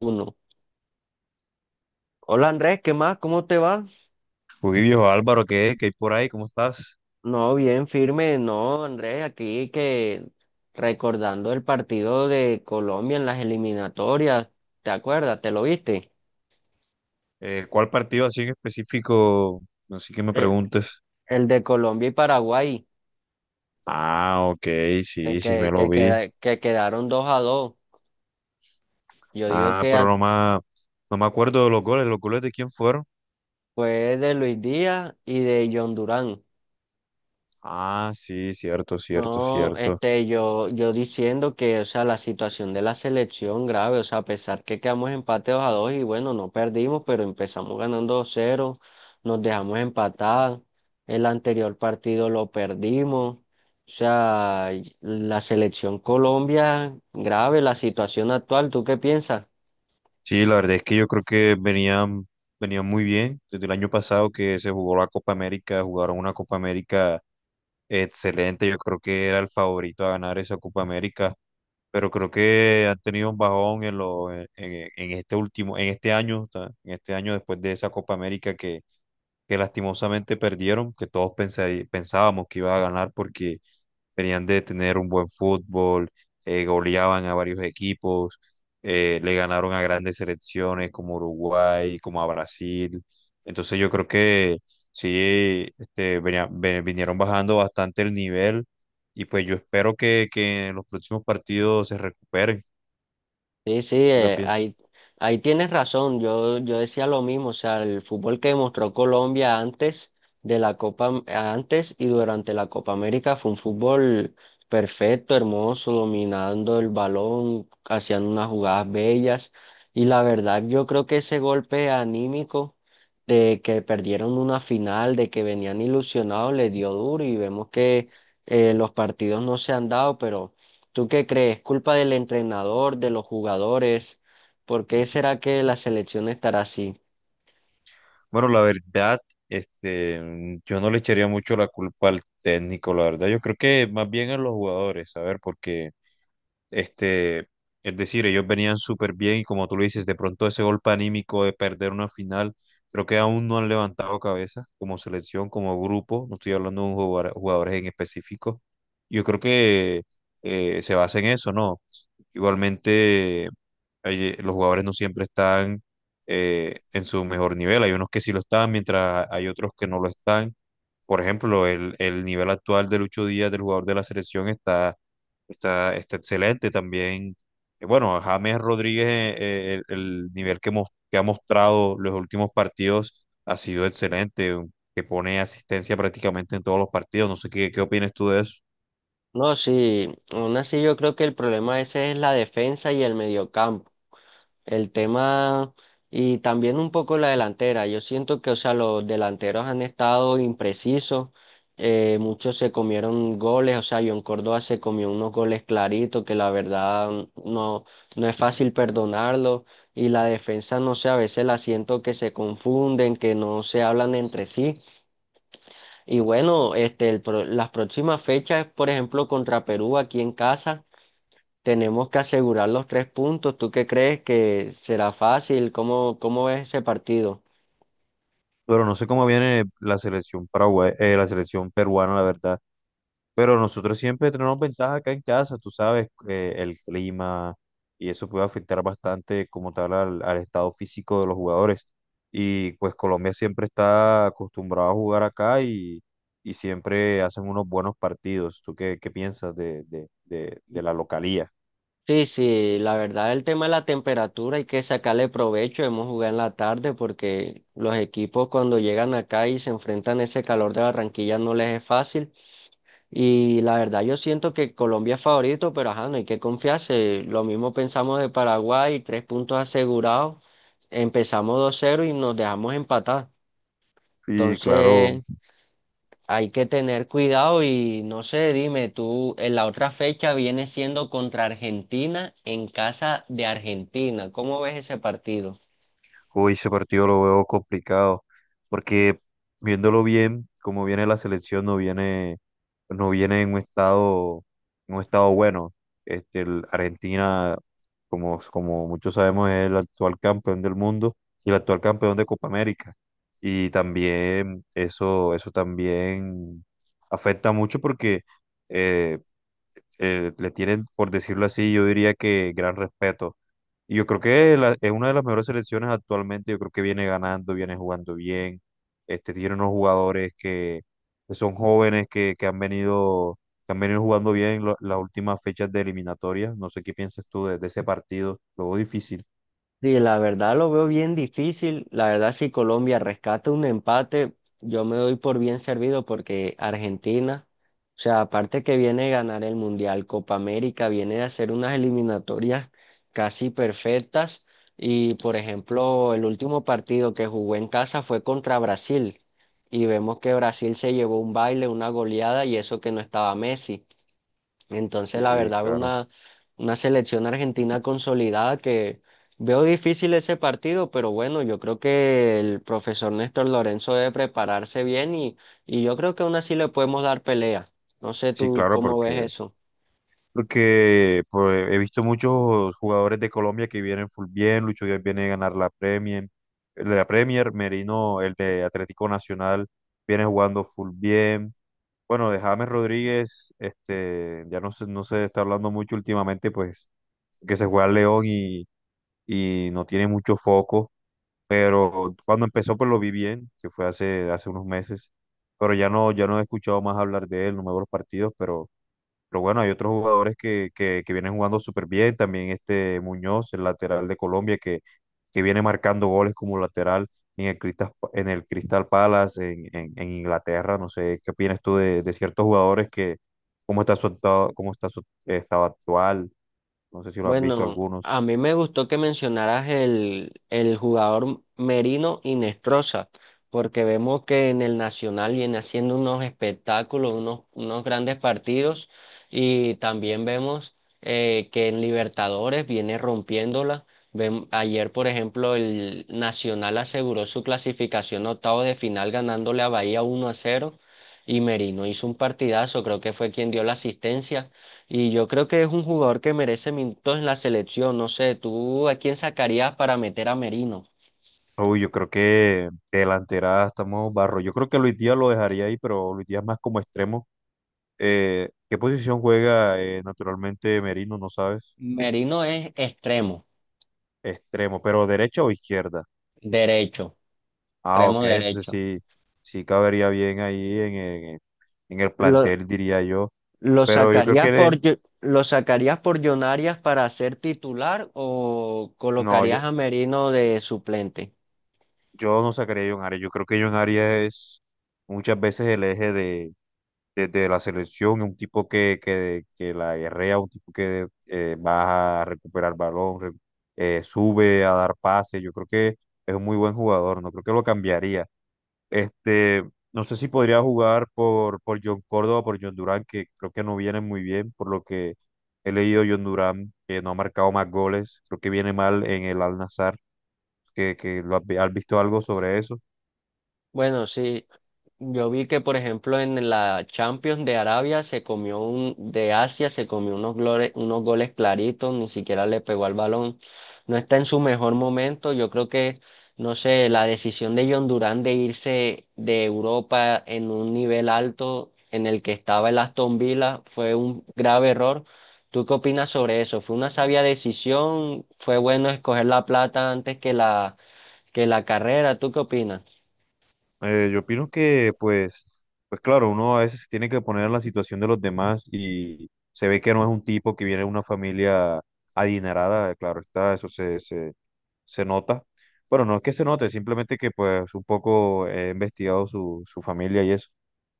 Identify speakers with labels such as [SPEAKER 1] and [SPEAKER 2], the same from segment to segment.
[SPEAKER 1] Uno. Hola Andrés, ¿qué más? ¿Cómo te va?
[SPEAKER 2] Uy, viejo Álvaro, ¿qué hay por ahí? ¿Cómo estás?
[SPEAKER 1] No, bien, firme, no, Andrés, aquí que recordando el partido de Colombia en las eliminatorias, ¿te acuerdas? ¿Te lo viste?
[SPEAKER 2] ¿cuál partido así en específico? No sé que me
[SPEAKER 1] El,
[SPEAKER 2] preguntes.
[SPEAKER 1] el de Colombia y Paraguay,
[SPEAKER 2] Ah, ok,
[SPEAKER 1] que,
[SPEAKER 2] sí, sí, me
[SPEAKER 1] que,
[SPEAKER 2] lo
[SPEAKER 1] que,
[SPEAKER 2] vi.
[SPEAKER 1] queda- que quedaron 2-2. Yo digo
[SPEAKER 2] Ah,
[SPEAKER 1] que
[SPEAKER 2] pero
[SPEAKER 1] a-
[SPEAKER 2] no me acuerdo de los goles. ¿Los goles de quién fueron?
[SPEAKER 1] fue de Luis Díaz y de John Durán.
[SPEAKER 2] Ah, sí, cierto, cierto,
[SPEAKER 1] No,
[SPEAKER 2] cierto.
[SPEAKER 1] yo diciendo que, o sea, la situación de la selección grave, o sea, a pesar que quedamos empateados a dos y bueno, no perdimos, pero empezamos ganando 2-0, nos dejamos empatar, el anterior partido lo perdimos, o sea, y la selección Colombia grave, la situación actual, ¿tú qué piensas?
[SPEAKER 2] Sí, la verdad es que yo creo que venían muy bien. Desde el año pasado que se jugó la Copa América, jugaron una Copa América excelente. Yo creo que era el favorito a ganar esa Copa América, pero creo que han tenido un bajón en este último, en este en este año después de esa Copa América que lastimosamente perdieron, que todos pensábamos que iba a ganar porque venían de tener un buen fútbol. Goleaban a varios equipos, le ganaron a grandes selecciones como Uruguay, como a Brasil. Entonces yo creo que sí, este, vinieron bajando bastante el nivel y pues yo espero que en los próximos partidos se recuperen.
[SPEAKER 1] Sí, sí,
[SPEAKER 2] ¿Tú qué piensas?
[SPEAKER 1] ahí tienes razón. Yo decía lo mismo, o sea, el fútbol que demostró Colombia antes de la antes y durante la Copa América fue un fútbol perfecto, hermoso, dominando el balón, hacían unas jugadas bellas. Y la verdad, yo creo que ese golpe anímico de que perdieron una final, de que venían ilusionados, les dio duro y vemos que los partidos no se han dado, pero ¿tú qué crees? ¿Culpa del entrenador, de los jugadores? ¿Por qué será que la selección estará así?
[SPEAKER 2] Bueno, la verdad, yo no le echaría mucho la culpa al técnico, la verdad. Yo creo que más bien a los jugadores, a ver, porque este, es decir, ellos venían súper bien y, como tú lo dices, de pronto ese golpe anímico de perder una final, creo que aún no han levantado cabeza como selección, como grupo. No estoy hablando de un jugadores en específico. Yo creo que se basa en eso, ¿no? Igualmente, los jugadores no siempre están, en su mejor nivel; hay unos que sí lo están, mientras hay otros que no lo están. Por ejemplo, el nivel actual de Lucho Díaz, del jugador de la selección, está excelente también. Eh, bueno, James Rodríguez, el nivel que ha mostrado los últimos partidos ha sido excelente, que pone asistencia prácticamente en todos los partidos. No sé qué opinas tú de eso,
[SPEAKER 1] No, sí, aún así yo creo que el problema ese es la defensa y el mediocampo. El tema y también un poco la delantera. Yo siento que, o sea, los delanteros han estado imprecisos. Muchos se comieron goles, o sea, John Córdoba se comió unos goles claritos que la verdad no, no es fácil perdonarlo. Y la defensa, no sé, a veces la siento que se confunden, que no se hablan entre sí. Y bueno, las próximas fechas, por ejemplo, contra Perú aquí en casa. Tenemos que asegurar los tres puntos. ¿Tú qué crees que será fácil? ¿Cómo ves ese partido?
[SPEAKER 2] pero no sé cómo viene la selección paraguay, la selección peruana, la verdad. Pero nosotros siempre tenemos ventaja acá en casa, tú sabes, el clima y eso puede afectar bastante como tal al estado físico de los jugadores. Y pues Colombia siempre está acostumbrado a jugar acá y siempre hacen unos buenos partidos. ¿Tú qué piensas de la localía?
[SPEAKER 1] Sí, sí, la verdad el tema de la temperatura hay que sacarle provecho. Hemos jugado en la tarde porque los equipos cuando llegan acá y se enfrentan a ese calor de Barranquilla no les es fácil. Y la verdad yo siento que Colombia es favorito, pero ajá, no hay que confiarse. Lo mismo pensamos de Paraguay, tres puntos asegurados. Empezamos 2-0 y nos dejamos empatar.
[SPEAKER 2] Y claro.
[SPEAKER 1] Entonces. Hay que tener cuidado y no sé, dime tú, en la otra fecha viene siendo contra Argentina en casa de Argentina. ¿Cómo ves ese partido?
[SPEAKER 2] Uy, ese partido lo veo complicado, porque viéndolo bien, como viene la selección, no viene en un en un estado bueno. Este, Argentina, como, como muchos sabemos, es el actual campeón del mundo y el actual campeón de Copa América. Y también eso también afecta mucho porque eh, le tienen, por decirlo así, yo diría que gran respeto. Y yo creo que es una de las mejores selecciones actualmente. Yo creo que viene ganando, viene jugando bien, este, tiene unos jugadores que son jóvenes, que han que han venido jugando bien las últimas fechas de eliminatorias. No sé qué piensas tú de ese partido, luego difícil.
[SPEAKER 1] Sí, la verdad lo veo bien difícil. La verdad, si Colombia rescata un empate, yo me doy por bien servido porque Argentina, o sea, aparte que viene de ganar el Mundial Copa América, viene de hacer unas eliminatorias casi perfectas. Y, por ejemplo, el último partido que jugó en casa fue contra Brasil. Y vemos que Brasil se llevó un baile, una goleada, y eso que no estaba Messi. Entonces, la
[SPEAKER 2] Sí,
[SPEAKER 1] verdad,
[SPEAKER 2] claro.
[SPEAKER 1] una selección argentina consolidada que veo difícil ese partido, pero bueno, yo creo que el profesor Néstor Lorenzo debe prepararse bien y yo creo que aún así le podemos dar pelea. No sé
[SPEAKER 2] Sí,
[SPEAKER 1] tú
[SPEAKER 2] claro,
[SPEAKER 1] cómo ves
[SPEAKER 2] porque,
[SPEAKER 1] eso.
[SPEAKER 2] porque pues, he visto muchos jugadores de Colombia que vienen full bien. Lucho Díaz viene a ganar la Premier, la Premier. Merino, el de Atlético Nacional, viene jugando full bien. Bueno, de James Rodríguez, este, no se está hablando mucho últimamente, pues, que se juega al León y no tiene mucho foco, pero cuando empezó pues lo vi bien, que fue hace unos meses, pero ya no he escuchado más hablar de él, no me veo los partidos, pero bueno, hay otros jugadores que vienen jugando súper bien. También este Muñoz, el lateral de Colombia, que viene marcando goles como lateral en el Crystal Palace, en Inglaterra. No sé, ¿qué opinas tú de ciertos jugadores que, cómo está cómo está su estado actual? No sé si lo has visto
[SPEAKER 1] Bueno,
[SPEAKER 2] algunos.
[SPEAKER 1] a mí me gustó que mencionaras el jugador Merino y Inestrosa, porque vemos que en el Nacional viene haciendo unos espectáculos, unos grandes partidos, y también vemos que en Libertadores viene rompiéndola. Ayer, por ejemplo, el Nacional aseguró su clasificación a octavo de final ganándole a Bahía 1-0 y Merino hizo un partidazo, creo que fue quien dio la asistencia. Y yo creo que es un jugador que merece minutos en la selección. No sé, ¿tú a quién sacarías para meter a Merino?
[SPEAKER 2] Uy, yo creo que de delantera estamos barro. Yo creo que Luis Díaz lo dejaría ahí, pero Luis Díaz más como extremo. ¿Qué posición juega naturalmente Merino? ¿No sabes?
[SPEAKER 1] Merino es extremo,
[SPEAKER 2] Extremo, pero ¿derecha o izquierda?
[SPEAKER 1] derecho,
[SPEAKER 2] Ah,
[SPEAKER 1] extremo
[SPEAKER 2] ok, entonces
[SPEAKER 1] derecho.
[SPEAKER 2] sí, sí cabería bien ahí en el
[SPEAKER 1] ¿Lo,
[SPEAKER 2] plantel, diría yo.
[SPEAKER 1] lo
[SPEAKER 2] Pero yo creo
[SPEAKER 1] sacarías
[SPEAKER 2] que le-
[SPEAKER 1] por, Yo- lo sacarías por John Arias para ser titular o
[SPEAKER 2] no,
[SPEAKER 1] colocarías
[SPEAKER 2] yo,
[SPEAKER 1] a Merino de suplente?
[SPEAKER 2] Yo no sacaría a John Arias. Yo creo que John Arias es muchas veces el eje de la selección, un tipo que la guerrea, un tipo que va a recuperar balón, sube a dar pase. Yo creo que es un muy buen jugador. No creo que lo cambiaría. Este, no sé si podría jugar por John Córdoba, por John Durán, que creo que no vienen muy bien, por lo que he leído. John Durán, que no ha marcado más goles, creo que viene mal en el Al-Nassr. Que lo has, has visto algo sobre eso.
[SPEAKER 1] Bueno, sí. Yo vi que, por ejemplo, en la Champions de Arabia se comió un, de Asia se comió unos goles claritos, ni siquiera le pegó al balón. No está en su mejor momento. Yo creo que, no sé, la decisión de John Durán de irse de Europa en un nivel alto en el que estaba el Aston Villa fue un grave error. ¿Tú qué opinas sobre eso? ¿Fue una sabia decisión? ¿Fue bueno escoger la plata antes que la carrera? ¿Tú qué opinas?
[SPEAKER 2] Yo opino que pues claro, uno a veces se tiene que poner en la situación de los demás, y se ve que no es un tipo que viene de una familia adinerada. Eh, claro está, eso se nota. Bueno, no es que se note, simplemente que pues un poco he investigado su familia y eso.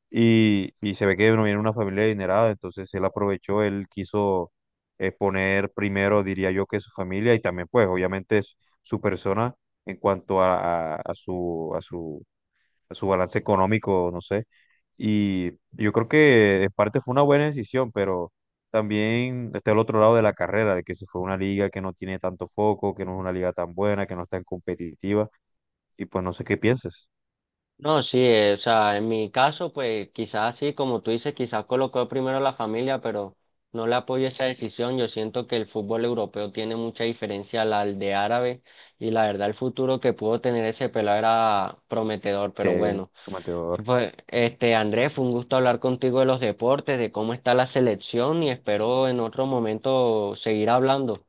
[SPEAKER 2] Y se ve que uno viene de una familia adinerada, entonces él aprovechó, él quiso, poner primero, diría yo, que su familia y también, pues, obviamente, su persona en cuanto a su balance económico, no sé. Y yo creo que en parte fue una buena decisión, pero también está el otro lado de la carrera, de que se fue a una liga que no tiene tanto foco, que no es una liga tan buena, que no es tan competitiva, y pues no sé qué pienses
[SPEAKER 1] No, sí, o sea, en mi caso, pues quizás sí, como tú dices, quizás colocó primero la familia, pero no le apoyo esa decisión. Yo siento que el fútbol europeo tiene mucha diferencia al de árabe y la verdad el futuro que pudo tener ese pelado era prometedor, pero
[SPEAKER 2] que,
[SPEAKER 1] bueno. Fue, Andrés, fue un gusto hablar contigo de los deportes, de cómo está la selección y espero en otro momento seguir hablando.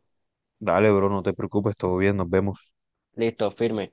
[SPEAKER 2] Dale, bro, no te preocupes, todo bien, nos vemos.
[SPEAKER 1] Listo, firme.